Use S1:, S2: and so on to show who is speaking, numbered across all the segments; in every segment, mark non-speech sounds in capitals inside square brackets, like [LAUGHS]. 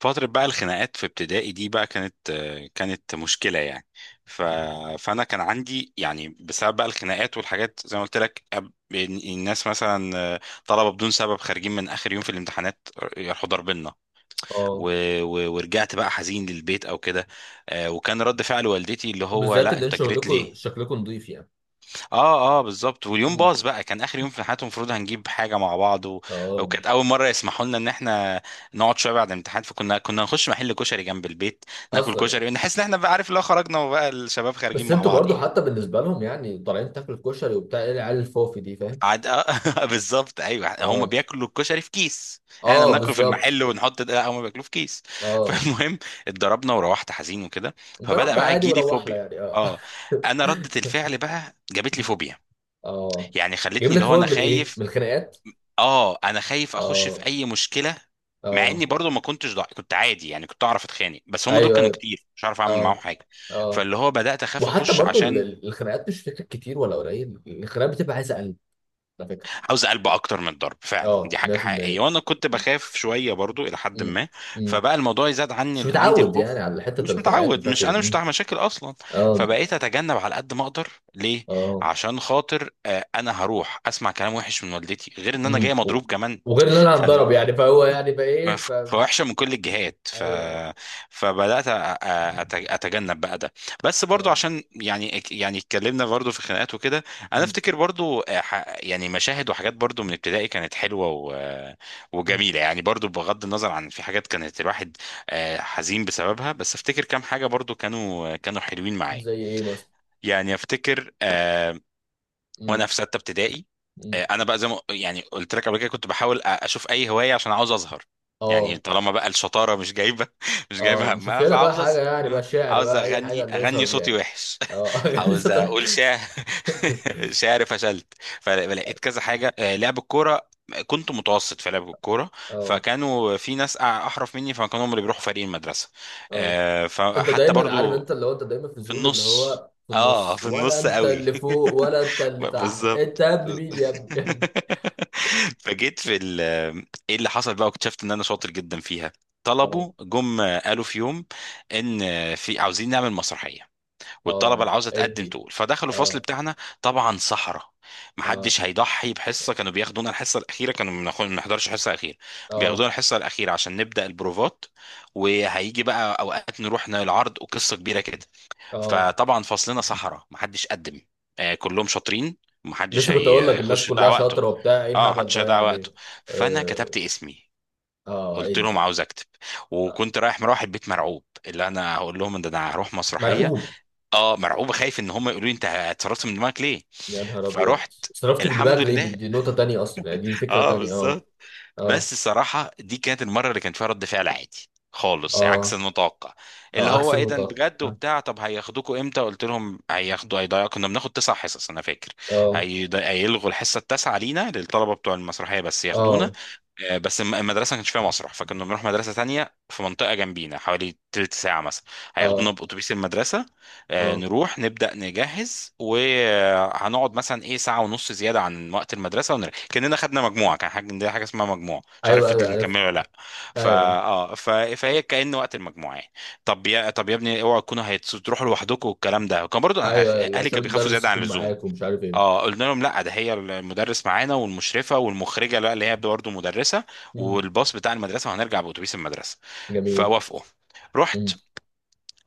S1: فترة بقى الخناقات في ابتدائي دي بقى كانت مشكلة يعني. ف... فأنا كان عندي يعني بسبب بقى الخناقات والحاجات زي ما قلت لك، الناس مثلا طلبة بدون سبب خارجين من آخر يوم في الامتحانات يروحوا ضاربيننا.
S2: اه،
S1: و... ورجعت بقى حزين للبيت أو كده. وكان رد فعل والدتي اللي هو،
S2: بالذات
S1: لا
S2: ان
S1: أنت
S2: انتوا
S1: جريت
S2: شغلكم
S1: ليه؟
S2: شكلكم نظيف يعني.
S1: اه اه، بالظبط. واليوم
S2: امم
S1: باظ بقى، كان اخر يوم في حياته، المفروض هنجيب حاجه مع بعض،
S2: اه.
S1: وكانت اول مره يسمحوا لنا ان احنا نقعد شويه بعد الامتحان، فكنا نخش محل كشري جنب البيت، ناكل
S2: اصلا يعني.
S1: كشري، نحس ان احنا بقى عارف اللي هو خرجنا وبقى الشباب خارجين
S2: بس
S1: مع
S2: انتوا
S1: بعض
S2: برضو
S1: يعني.
S2: حتى بالنسبه لهم يعني طالعين تاكل كشري وبتاع ايه العيال الفوفي دي فاهم.
S1: عاد [LAUGHS] بالظبط، ايوه، هم
S2: اه،
S1: بياكلوا الكشري في كيس. احنا
S2: اه،
S1: بناكله في
S2: بالظبط.
S1: المحل ونحط ده، هم بياكلوه في كيس [LAUGHS]
S2: اه،
S1: فالمهم اتضربنا وروحت حزين وكده. فبدأ
S2: ضربنا
S1: بقى
S2: عادي
S1: يجيلي
S2: وروحنا
S1: فوبيا.
S2: يعني اه.
S1: اه، انا ردة الفعل بقى جابت لي
S2: [LAUGHS]
S1: فوبيا،
S2: اه،
S1: يعني
S2: جايب
S1: خلتني
S2: لك
S1: اللي هو
S2: فوق
S1: انا
S2: من ايه،
S1: خايف.
S2: من الخناقات؟
S1: اه انا خايف اخش
S2: اه،
S1: في اي مشكله، مع
S2: اه،
S1: اني برضو ما كنتش كنت عادي، يعني كنت اعرف اتخانق، بس هم دول
S2: ايوه
S1: كانوا
S2: ايوه،
S1: كتير، مش عارف اعمل معاهم
S2: اه،
S1: حاجه.
S2: اه،
S1: فاللي هو بدات اخاف
S2: وحتى
S1: اخش
S2: برضو
S1: عشان
S2: الخناقات مش فكره كتير ولا قليل، الخناقات بتبقى عايزه قلب على فكره.
S1: عاوز قلب اكتر من الضرب. فعلا دي
S2: اه،
S1: حاجه حقيقيه،
S2: 100%
S1: وانا كنت بخاف شويه برضو الى حد ما. فبقى الموضوع يزاد
S2: مش
S1: عني عندي
S2: متعود يعني
S1: الخوف.
S2: على حته
S1: مش
S2: الخناقات، ومش
S1: متعود،
S2: عارف
S1: مش
S2: ايه
S1: انا مش
S2: مم.
S1: بتاع مشاكل اصلا.
S2: اه،
S1: فبقيت اتجنب على قد ما اقدر. ليه؟
S2: اه،
S1: عشان خاطر انا هروح اسمع كلام وحش من والدتي، غير ان انا
S2: امم،
S1: جاي مضروب كمان.
S2: وغير ان انا هنضرب يعني، فهو يعني بقى ايه فاهم.
S1: فوحشه من كل الجهات.
S2: ايوه ايوه،
S1: فبدات اتجنب بقى ده. بس برضو
S2: اه،
S1: عشان يعني اتكلمنا برضو في خناقات وكده. انا
S2: امم،
S1: افتكر برضو يعني مشاهد وحاجات برضو من ابتدائي كانت حلوه
S2: امم.
S1: وجميله، يعني برضو بغض النظر عن في حاجات كانت الواحد حزين بسببها، بس افتكر كام حاجه برضو كانوا حلوين معايا.
S2: زي ايه مثلا؟
S1: يعني افتكر
S2: امم،
S1: وانا في سته ابتدائي.
S2: امم،
S1: انا بقى زي ما يعني قلت لك قبل كده كنت بحاول اشوف اي هوايه عشان عاوز اظهر. يعني
S2: اه،
S1: طالما بقى الشطاره مش جايبه [LAUGHS] مش
S2: اه،
S1: جايبه
S2: نشوف
S1: همها
S2: لنا بقى
S1: فعاوز
S2: حاجه
S1: اظهر
S2: يعني، بقى شعر
S1: عاوز
S2: بقى اي حاجه
S1: اغني
S2: نسهر
S1: اغني
S2: بيها
S1: صوتي
S2: يعني.
S1: وحش.
S2: اه،
S1: [LAUGHS]
S2: [LAUGHS] لسه
S1: عاوز
S2: طالع.
S1: اقول شعر. [LAUGHS] شعر فشلت. فلقيت كذا حاجه، لعب الكوره. كنت متوسط في لعب الكوره،
S2: اه،
S1: فكانوا في ناس احرف مني، فكانوا هم اللي بيروحوا فريق المدرسه.
S2: اه، انت
S1: فحتى
S2: دايما عارف
S1: برضو
S2: انت اللي هو انت دايما في
S1: في
S2: الزون اللي
S1: النص.
S2: هو في
S1: اه
S2: النص،
S1: في
S2: ولا
S1: النص
S2: انت
S1: قوي
S2: اللي فوق،
S1: [LAUGHS]
S2: ولا انت اللي تحت؟ انت
S1: بالظبط
S2: يا ابني،
S1: [LAUGHS]
S2: مين يا ابني؟ [LAUGHS] يا ابني.
S1: فجيت في ايه اللي حصل بقى، واكتشفت ان انا شاطر جدا فيها.
S2: اه،
S1: طلبوا جم، قالوا في يوم ان في عاوزين نعمل مسرحيه، والطلبه
S2: اه،
S1: اللي عاوزه تقدم
S2: ادي،
S1: تقول، فدخلوا الفصل
S2: اه،
S1: بتاعنا. طبعا صحراء،
S2: اه،
S1: محدش هيضحي بحصه. كانوا بياخدونا الحصه الاخيره، كانوا ما بنحضرش الحصه الاخيره،
S2: اه،
S1: بياخدونا الحصه الاخيره عشان نبدا البروفات، وهيجي بقى اوقات نروح العرض وقصه كبيره كده.
S2: اه،
S1: فطبعا فصلنا صحراء، محدش قدم. آه كلهم شاطرين. محدش
S2: لسه كنت اقول لك الناس
S1: هيخش يضيع
S2: كلها
S1: وقته.
S2: شاطره وبتاع ايه
S1: اه
S2: الهبل
S1: محدش
S2: ده
S1: هيضيع وقته.
S2: يعني.
S1: فانا
S2: اه،
S1: كتبت اسمي،
S2: اه،
S1: قلت لهم
S2: ادي،
S1: عاوز اكتب.
S2: آه.
S1: وكنت رايح مروح البيت مرعوب اللي انا هقول لهم ان انا هروح مسرحيه.
S2: مرعوب؟
S1: اه مرعوب، خايف ان هم يقولوا لي انت اتصرفت من دماغك ليه.
S2: يا نهار ابيض.
S1: فروحت.
S2: صرفت من
S1: الحمد
S2: دماغك ليه؟ دي,
S1: لله.
S2: دي نقطه تانية اصلا يعني، دي
S1: [LAUGHS]
S2: فكره
S1: اه
S2: تانية. اه،
S1: بالظبط.
S2: اه،
S1: بس الصراحه دي كانت المره اللي كان فيها رد فعل عادي خالص، عكس
S2: اه،
S1: المتوقع. اللي
S2: اه، عكس
S1: هو ايه ده
S2: المتوقع،
S1: بجد
S2: اه،
S1: وبتاع، طب هياخدوكوا امتى؟ قلت لهم هياخدوا هيضيعوا، كنا بناخد تسع حصص انا فاكر.
S2: اه،
S1: هيلغوا الحصه التاسعه لينا للطلبه بتوع المسرحيه بس ياخدونا.
S2: اه،
S1: بس المدرسه ما كانش فيها مسرح، فكنا بنروح مدرسه تانية في منطقه جنبينا حوالي تلت ساعه مثلا. هياخدونا
S2: اه،
S1: باتوبيس المدرسه.
S2: آه.
S1: نروح نبدا نجهز، وهنقعد مثلا ايه ساعه ونص زياده عن وقت المدرسه ونرجع كاننا خدنا مجموعه. كان حاجه، دي حاجه اسمها مجموعه، مش عارف
S2: ايوه ايوه،
S1: فضل
S2: عارف.
S1: مكمله ولا لا. فا
S2: ايوه
S1: اه فهي كأن وقت المجموعه يعني. طب يا ابني اوعوا تكونوا هتروحوا لوحدكم، والكلام ده كان برضو
S2: ايوه، ايوه،
S1: اهلي
S2: عشان
S1: كانوا بيخافوا
S2: المدرس
S1: زياده عن
S2: يكون
S1: اللزوم.
S2: معاك ومش عارف ايه
S1: اه قلنا لهم لا، ده هي المدرس معانا والمشرفه والمخرجه لا اللي هي برضه مدرسه،
S2: مم.
S1: والباص بتاع المدرسه، وهنرجع باتوبيس المدرسه.
S2: جميل.
S1: فوافقوا. رحت.
S2: مم.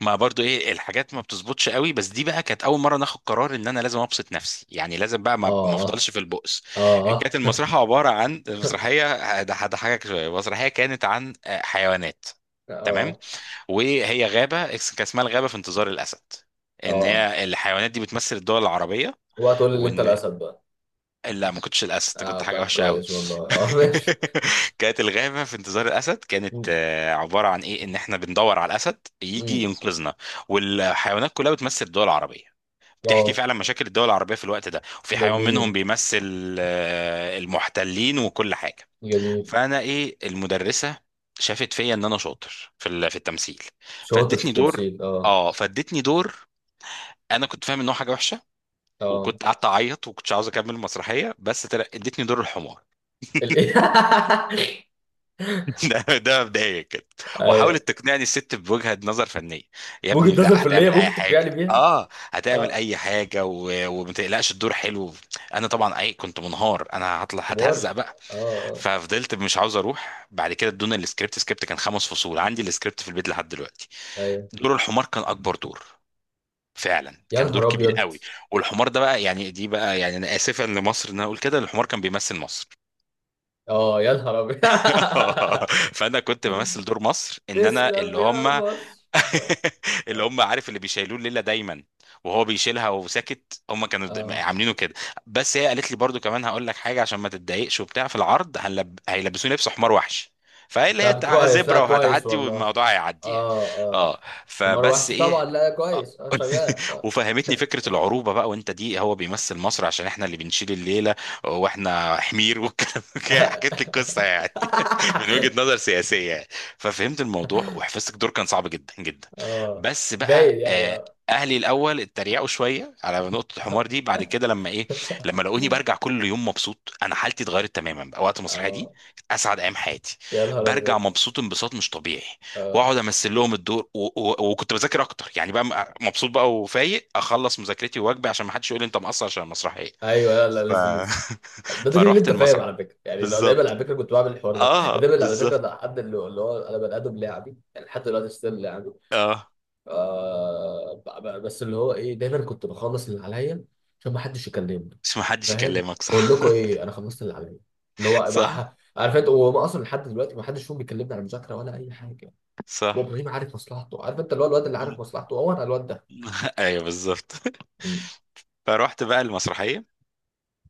S1: ما برضو ايه الحاجات ما بتظبطش قوي، بس دي بقى كانت اول مره ناخد قرار ان انا لازم ابسط نفسي، يعني لازم بقى ما
S2: اه،
S1: افضلش في البؤس.
S2: اه،
S1: كانت
S2: اه،
S1: المسرحيه عباره عن، المسرحيه ده حاجه شويه. المسرحيه كانت عن حيوانات. تمام.
S2: اه،
S1: وهي غابه، كان اسمها الغابه في انتظار الاسد، ان
S2: اه،
S1: هي الحيوانات دي بتمثل الدول العربيه.
S2: اوعى تقول لي اللي انت
S1: وان
S2: الاسد بقى.
S1: لا، ما كنتش الاسد،
S2: اه،
S1: كنت حاجه
S2: طب
S1: وحشه قوي.
S2: كويس والله. [LAUGHS] اه، ماشي.
S1: [LAUGHS] كانت الغابه في انتظار الاسد كانت
S2: مم.
S1: عباره عن ايه، ان احنا بندور على الاسد يجي
S2: مم.
S1: ينقذنا، والحيوانات كلها بتمثل الدول العربيه. بتحكي
S2: اه،
S1: فعلا مشاكل الدول العربيه في الوقت ده، وفي حيوان منهم
S2: جميل،
S1: بيمثل المحتلين وكل حاجه.
S2: جميل.
S1: فانا ايه، المدرسه شافت فيا ان انا شاطر في في التمثيل.
S2: شاطر في
S1: فادتني دور.
S2: التمثيل، اه،
S1: اه فادتني دور. انا كنت فاهم ان هو حاجه وحشه،
S2: اه،
S1: وكنت قعدت اعيط وكنتش عاوز اكمل المسرحيه، بس ادتني دور الحمار.
S2: ال-
S1: [LAUGHS] ده مبدئيا كده.
S2: [LAUGHS] ايوه،
S1: وحاولت تقنعني الست بوجهة نظر فنية. يا
S2: ممكن
S1: ابني
S2: تظهر
S1: لا
S2: في اللي هي
S1: هتعمل اي
S2: ممكن
S1: حاجة،
S2: تبيعني بيها.
S1: هتعمل
S2: اه،
S1: اي حاجة، وما تقلقش، الدور حلو. انا طبعا اي كنت منهار، انا هطلع
S2: كبار،
S1: هتهزق بقى.
S2: اه، اه،
S1: ففضلت مش عاوز اروح. بعد كده ادونا السكريبت، سكريبت كان خمس فصول. عندي السكريبت في البيت لحد دلوقتي.
S2: ايوه،
S1: دور الحمار كان اكبر دور، فعلا
S2: يا
S1: كان دور
S2: نهار
S1: كبير
S2: ابيض.
S1: قوي. والحمار ده بقى يعني، دي بقى يعني، انا اسفا لمصر ان انا اقول كده، الحمار كان بيمثل مصر.
S2: اه، يا نهار ابيض. [LAUGHS]
S1: [LAUGHS] فانا كنت بمثل دور مصر، ان انا
S2: تسلم
S1: اللي
S2: يا
S1: هم
S2: مصر. اه،
S1: [LAUGHS] اللي
S2: اه،
S1: هم عارف اللي بيشيلوه الليله دايما، وهو بيشيلها وساكت. هم كانوا
S2: آه.
S1: عاملينه كده. بس هي قالت لي برضو كمان، هقول لك حاجه عشان ما تتضايقش وبتاع، في العرض هيلبسوني لبس حمار وحشي. فهي اللي هي
S2: طب كويس، لا
S1: زبره
S2: كويس
S1: وهتعدي
S2: والله.
S1: والموضوع هيعدي يعني.
S2: اه، اه،
S1: اه.
S2: حمار
S1: فبس
S2: وحش طبعا.
S1: ايه،
S2: لا
S1: آه،
S2: كويس، اه، شغال.
S1: وفهمتني فكرة العروبة بقى، وانت دي هو بيمثل مصر عشان احنا اللي بنشيل الليلة، واحنا حمير والكلام كده. [LAUGHS]
S2: آه.
S1: حكيت لي القصة يعني [LAUGHS] من وجهة
S2: [LAUGHS]
S1: نظر سياسية يعني. ففهمت الموضوع، وحفظت الدور، كان صعب جدا جدا.
S2: اه،
S1: بس
S2: باين
S1: بقى
S2: يعني، اه،
S1: اهلي الاول اتريقوا شويه على نقطه الحمار دي.
S2: [LAUGHS]
S1: بعد كده لما ايه، لما لقوني برجع كل يوم مبسوط، انا حالتي اتغيرت تماما بقى وقت المسرحيه دي،
S2: اه،
S1: كانت اسعد ايام حياتي.
S2: يا نهار
S1: برجع
S2: ابيض.
S1: مبسوط انبساط مش طبيعي،
S2: اه،
S1: واقعد امثل لهم الدور، وكنت بذاكر اكتر يعني بقى، مبسوط بقى وفايق اخلص مذاكرتي وواجبي عشان ما حدش يقول لي انت مقصر عشان المسرحيه.
S2: ايوه، لا لا،
S1: ف...
S2: لذيذ. ده
S1: [LAUGHS]
S2: دليل اللي
S1: فروحت
S2: انت فاهم
S1: المسرح.
S2: على فكره يعني، لو دايما
S1: بالظبط.
S2: على فكره كنت بعمل الحوار ده يعني،
S1: اه
S2: دايما على فكره
S1: بالظبط.
S2: ده حد اللي اللي هو انا بني ادم لاعبي يعني، لحد دلوقتي ستيل لاعبي.
S1: اه
S2: آه، بس اللي هو ايه، دايما كنت بخلص اللي عليا عشان ما حدش يكلمني،
S1: مش ما حدش
S2: فاهم؟
S1: يكلمك،
S2: بقول
S1: صح.
S2: لكم ايه، انا خلصت اللي عليا، اللي
S1: [LAUGHS]
S2: هو
S1: صح،
S2: بقى عارف انت؟ وهو اصلا لحد دلوقتي ما حدش فيهم بيكلمني على مذاكره ولا اي حاجه.
S1: صح.
S2: وابراهيم عارف مصلحته، عارف انت اللي هو الواد اللي عارف مصلحته، هو انا الواد
S1: [LAUGHS] ايوه بالظبط.
S2: ده.
S1: فروحت بقى المسرحيه.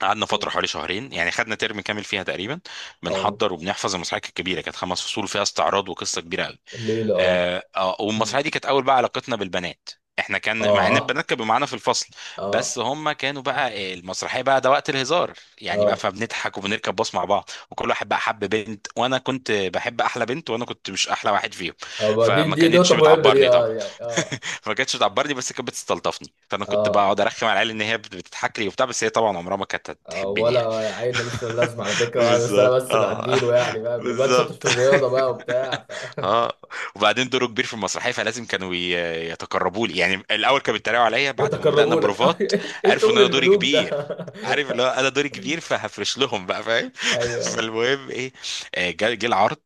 S1: قعدنا فتره حوالي شهرين يعني، خدنا ترم كامل فيها تقريبا.
S2: اه،
S1: بنحضر وبنحفظ المسرحيه، كانت كبيره، كانت خمس فصول فيها استعراض وقصه كبيره.
S2: الليلة، اه، مم.
S1: والمسرحيه دي كانت اول بقى علاقتنا بالبنات. احنا كان، مع ان
S2: اه،
S1: البنات كانوا معانا في الفصل، بس
S2: اه،
S1: هم كانوا بقى المسرحيه بقى ده وقت الهزار يعني بقى،
S2: اه،
S1: فبنضحك وبنركب باص مع بعض، وكل واحد بقى حب بنت، وانا كنت بحب احلى بنت وانا كنت مش احلى واحد فيهم.
S2: اه، ما دي
S1: فما
S2: دي نقطة
S1: كانتش
S2: مهمة دي،
S1: بتعبرني
S2: اه
S1: طبعا.
S2: يعني، اه،
S1: فما كانتش بتعبرني بس كانت بتستلطفني، فانا كنت
S2: اه،
S1: بقعد ارخم على العيال ان هي بتضحك لي وبتاع، بس هي طبعا عمرها ما كانت
S2: اه،
S1: هتحبني
S2: ولا
S1: يعني.
S2: عيل ملوش لا لازمة على
S1: [LAUGHS]
S2: فكرة يعني، بس أنا
S1: بالظبط
S2: بس
S1: اه.
S2: بعديله يعني،
S1: [LAUGHS]
S2: فاهم؟ الواد شاطر
S1: بالظبط
S2: في الرياضة بقى
S1: [LAUGHS]
S2: وبتاع ف... [LAUGHS]
S1: اه. وبعدين دوره كبير في المسرحيه فلازم كانوا يتقربوا لي يعني. الاول كانوا بيتريقوا عليا، بعد ما بدانا
S2: يتقربوا لك؟ [LAUGHS]
S1: بروفات
S2: ايه
S1: عرفوا ان
S2: شغل
S1: انا دوري
S2: الملوك ده.
S1: كبير.
S2: [LAUGHS]
S1: عارف اللي هو انا دوري كبير، فهفرش لهم بقى فاهم.
S2: ايوه
S1: [LAUGHS]
S2: ايوه،
S1: فالمهم ايه، جه العرض.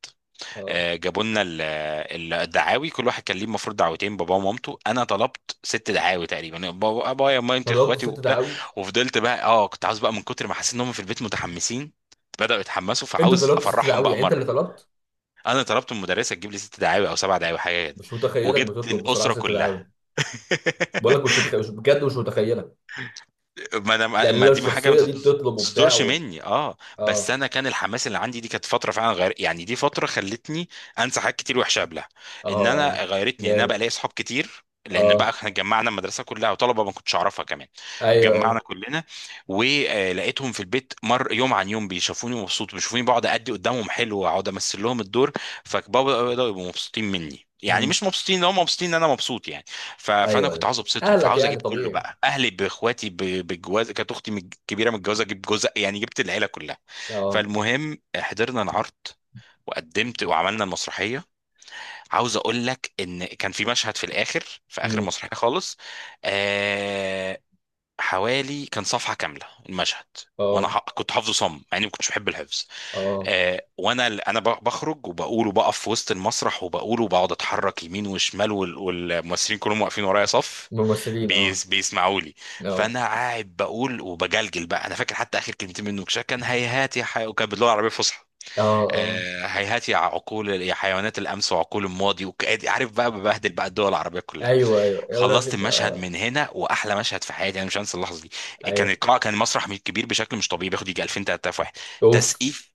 S2: اه،
S1: جابوا لنا الدعاوي، كل واحد كان ليه المفروض دعوتين، باباه ومامته. انا طلبت ست دعاوي تقريبا، بابا ابايا مامتي
S2: طلبت
S1: اخواتي
S2: ست
S1: وبتاع.
S2: دعاوي؟
S1: وفضلت بقى، اه كنت عاوز بقى من كتر ما حسيت ان هم في البيت متحمسين بدأوا يتحمسوا،
S2: انت
S1: فعاوز
S2: طلبت ست
S1: افرحهم
S2: دعاوي
S1: بقى
S2: يعني انت اللي
S1: مره.
S2: طلبت؟
S1: انا طلبت من المدرسه تجيب لي ست دعاوي او سبع دعاوي حاجه كده،
S2: مش متخيلك
S1: وجبت
S2: بتطلب بصراحة
S1: الاسره
S2: ست دعاوي.
S1: كلها.
S2: بقول لك مش
S1: [LAUGHS]
S2: متخيل، مش بجد، مش متخيلك.
S1: ما انا،
S2: يعني
S1: ما
S2: لو
S1: دي حاجه ما
S2: الشخصية دي بتطلب وبتاع
S1: تصدرش
S2: و...
S1: مني. اه بس
S2: اه،
S1: انا كان الحماس اللي عندي دي، كانت فتره فعلا غير يعني، دي فتره خلتني انسى حاجات كتير وحشه قبلها.
S2: اه،
S1: ان
S2: اه،
S1: انا غيرتني ان انا بقى
S2: جامد.
S1: لي اصحاب كتير، لان بقى
S2: اه،
S1: احنا جمعنا المدرسه كلها وطلبه ما كنتش اعرفها كمان.
S2: ايوه ايوه،
S1: جمعنا كلنا. ولقيتهم في البيت مر يوم عن يوم بيشوفوني مبسوط، بيشوفوني بقعد ادي قدامهم حلو، واقعد امثل لهم الدور، فبابا يبقوا مبسوطين مني يعني،
S2: امم،
S1: مش مبسوطين ان هم، مبسوطين ان انا مبسوط يعني. فانا
S2: ايوه
S1: كنت
S2: ايوه،
S1: عاوز ابسطهم،
S2: اهلك
S1: فعاوز
S2: يعني
S1: اجيب كله
S2: طبيعي.
S1: بقى اهلي، باخواتي بالجواز، كانت اختي كبيره متجوزه اجيب جوز، يعني جبت العيله كلها.
S2: اه،
S1: فالمهم حضرنا العرض، وقدمت وعملنا المسرحيه. عاوز اقول لك ان كان في مشهد في الاخر، في اخر
S2: امم،
S1: المسرحيه خالص، آه، حوالي كان صفحه كامله المشهد. وانا
S2: اه،
S1: كنت حافظه صم، مع اني ما كنتش بحب الحفظ.
S2: اه،
S1: وانا انا بخرج وبقول وبقف في وسط المسرح، وبقول وبقعد اتحرك يمين وشمال، والممثلين كلهم واقفين ورايا صف،
S2: ممثلين، اه،
S1: بيسمعوا لي.
S2: اه،
S1: فانا قاعد بقول وبجلجل بقى. انا فاكر حتى اخر كلمتين منه كان هيهات يا وكان باللغه العربيه الفصحى.
S2: اه، اه،
S1: هيهات يا عقول، يا حيوانات الامس وعقول الماضي عارف بقى ببهدل بقى الدول العربيه كلها.
S2: ايوه ايوه، يا ولاد
S1: خلصت المشهد
S2: اه،
S1: من هنا، واحلى مشهد في حياتي، انا مش هنسى اللحظه دي. كان
S2: ايوه،
S1: القاعه، كان مسرح كبير بشكل مش طبيعي، بياخد يجي 2000 3000 واحد.
S2: اوف،
S1: تسقيف.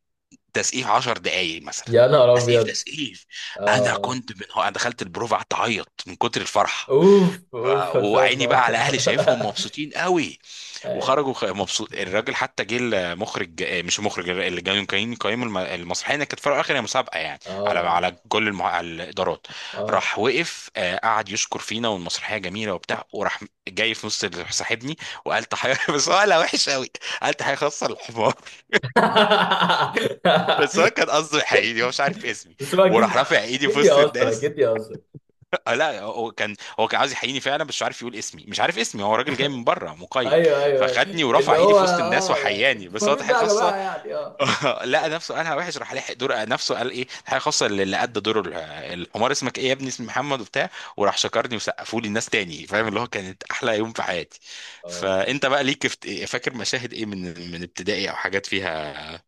S1: تسقيف 10 دقايق مثلا.
S2: يا نهار
S1: تسقيف
S2: ابيض.
S1: تسقيف.
S2: اه،
S1: انا
S2: اه،
S1: كنت، من هو انا دخلت البروف، قعدت اعيط من كتر الفرحه.
S2: اوف اوف، ان شاء
S1: وعيني بقى
S2: الله.
S1: على اهلي شايفهم
S2: [LAUGHS]
S1: مبسوطين قوي.
S2: ايوه،
S1: وخرجوا مبسوط الراجل، حتى جه المخرج، مش المخرج، اللي جاي كان قايم المسرحيه، إن كانت في الاخر هي مسابقه يعني، على
S2: اه،
S1: على كل على الادارات.
S2: اه،
S1: راح وقف، قعد يشكر فينا والمسرحيه جميله وبتاع، وراح. جاي في نص صاحبني وقال تحيه [LAUGHS] بس هو قالها وحش قوي. قال تحيه خاصه للحمار.
S2: [LAUGHS]
S1: بس هو كان قصده يحييني، هو مش عارف اسمي.
S2: بس هو اكيد.
S1: وراح رافع ايدي في
S2: اكيد
S1: وسط
S2: يهزر،
S1: الناس.
S2: اكيد يهزر.
S1: [LAUGHS] لا هو كان عاوز يحييني فعلا، بس مش عارف يقول اسمي، مش عارف اسمي، هو راجل جاي من بره مقيم.
S2: ايوه ايوه، أيوة.
S1: فخدني
S2: اللي
S1: ورفع ايدي
S2: هو
S1: في وسط الناس
S2: اه يعني
S1: وحياني
S2: انتوا
S1: بس هو
S2: فاهمين
S1: تحيه
S2: بقى يا
S1: خاصه.
S2: جماعه يعني، اه،
S1: [LAUGHS] لقى نفسه قالها وحش، راح لحق دور نفسه، قال ايه، تحيه خاصه اللي قد دور الحمار. اسمك ايه يا ابني؟ اسمي محمد وبتاع. وراح شكرني وسقفوا لي الناس تاني فاهم، اللي هو كانت احلى يوم في حياتي.
S2: اه، اه،
S1: فانت بقى ليك فاكر مشاهد ايه من ابتدائي او حاجات فيها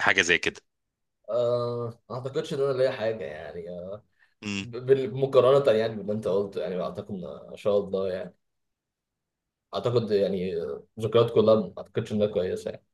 S1: حاجه زي
S2: آه، ما اعتقدش ان انا ليا حاجه يعني، آه،
S1: كده.
S2: مقارنه يعني باللي انت قلته، يعني اعتقد ان إن شاء الله يعني، اعتقد يعني آه، ذكريات كلها ما اعتقدش انها كويسه.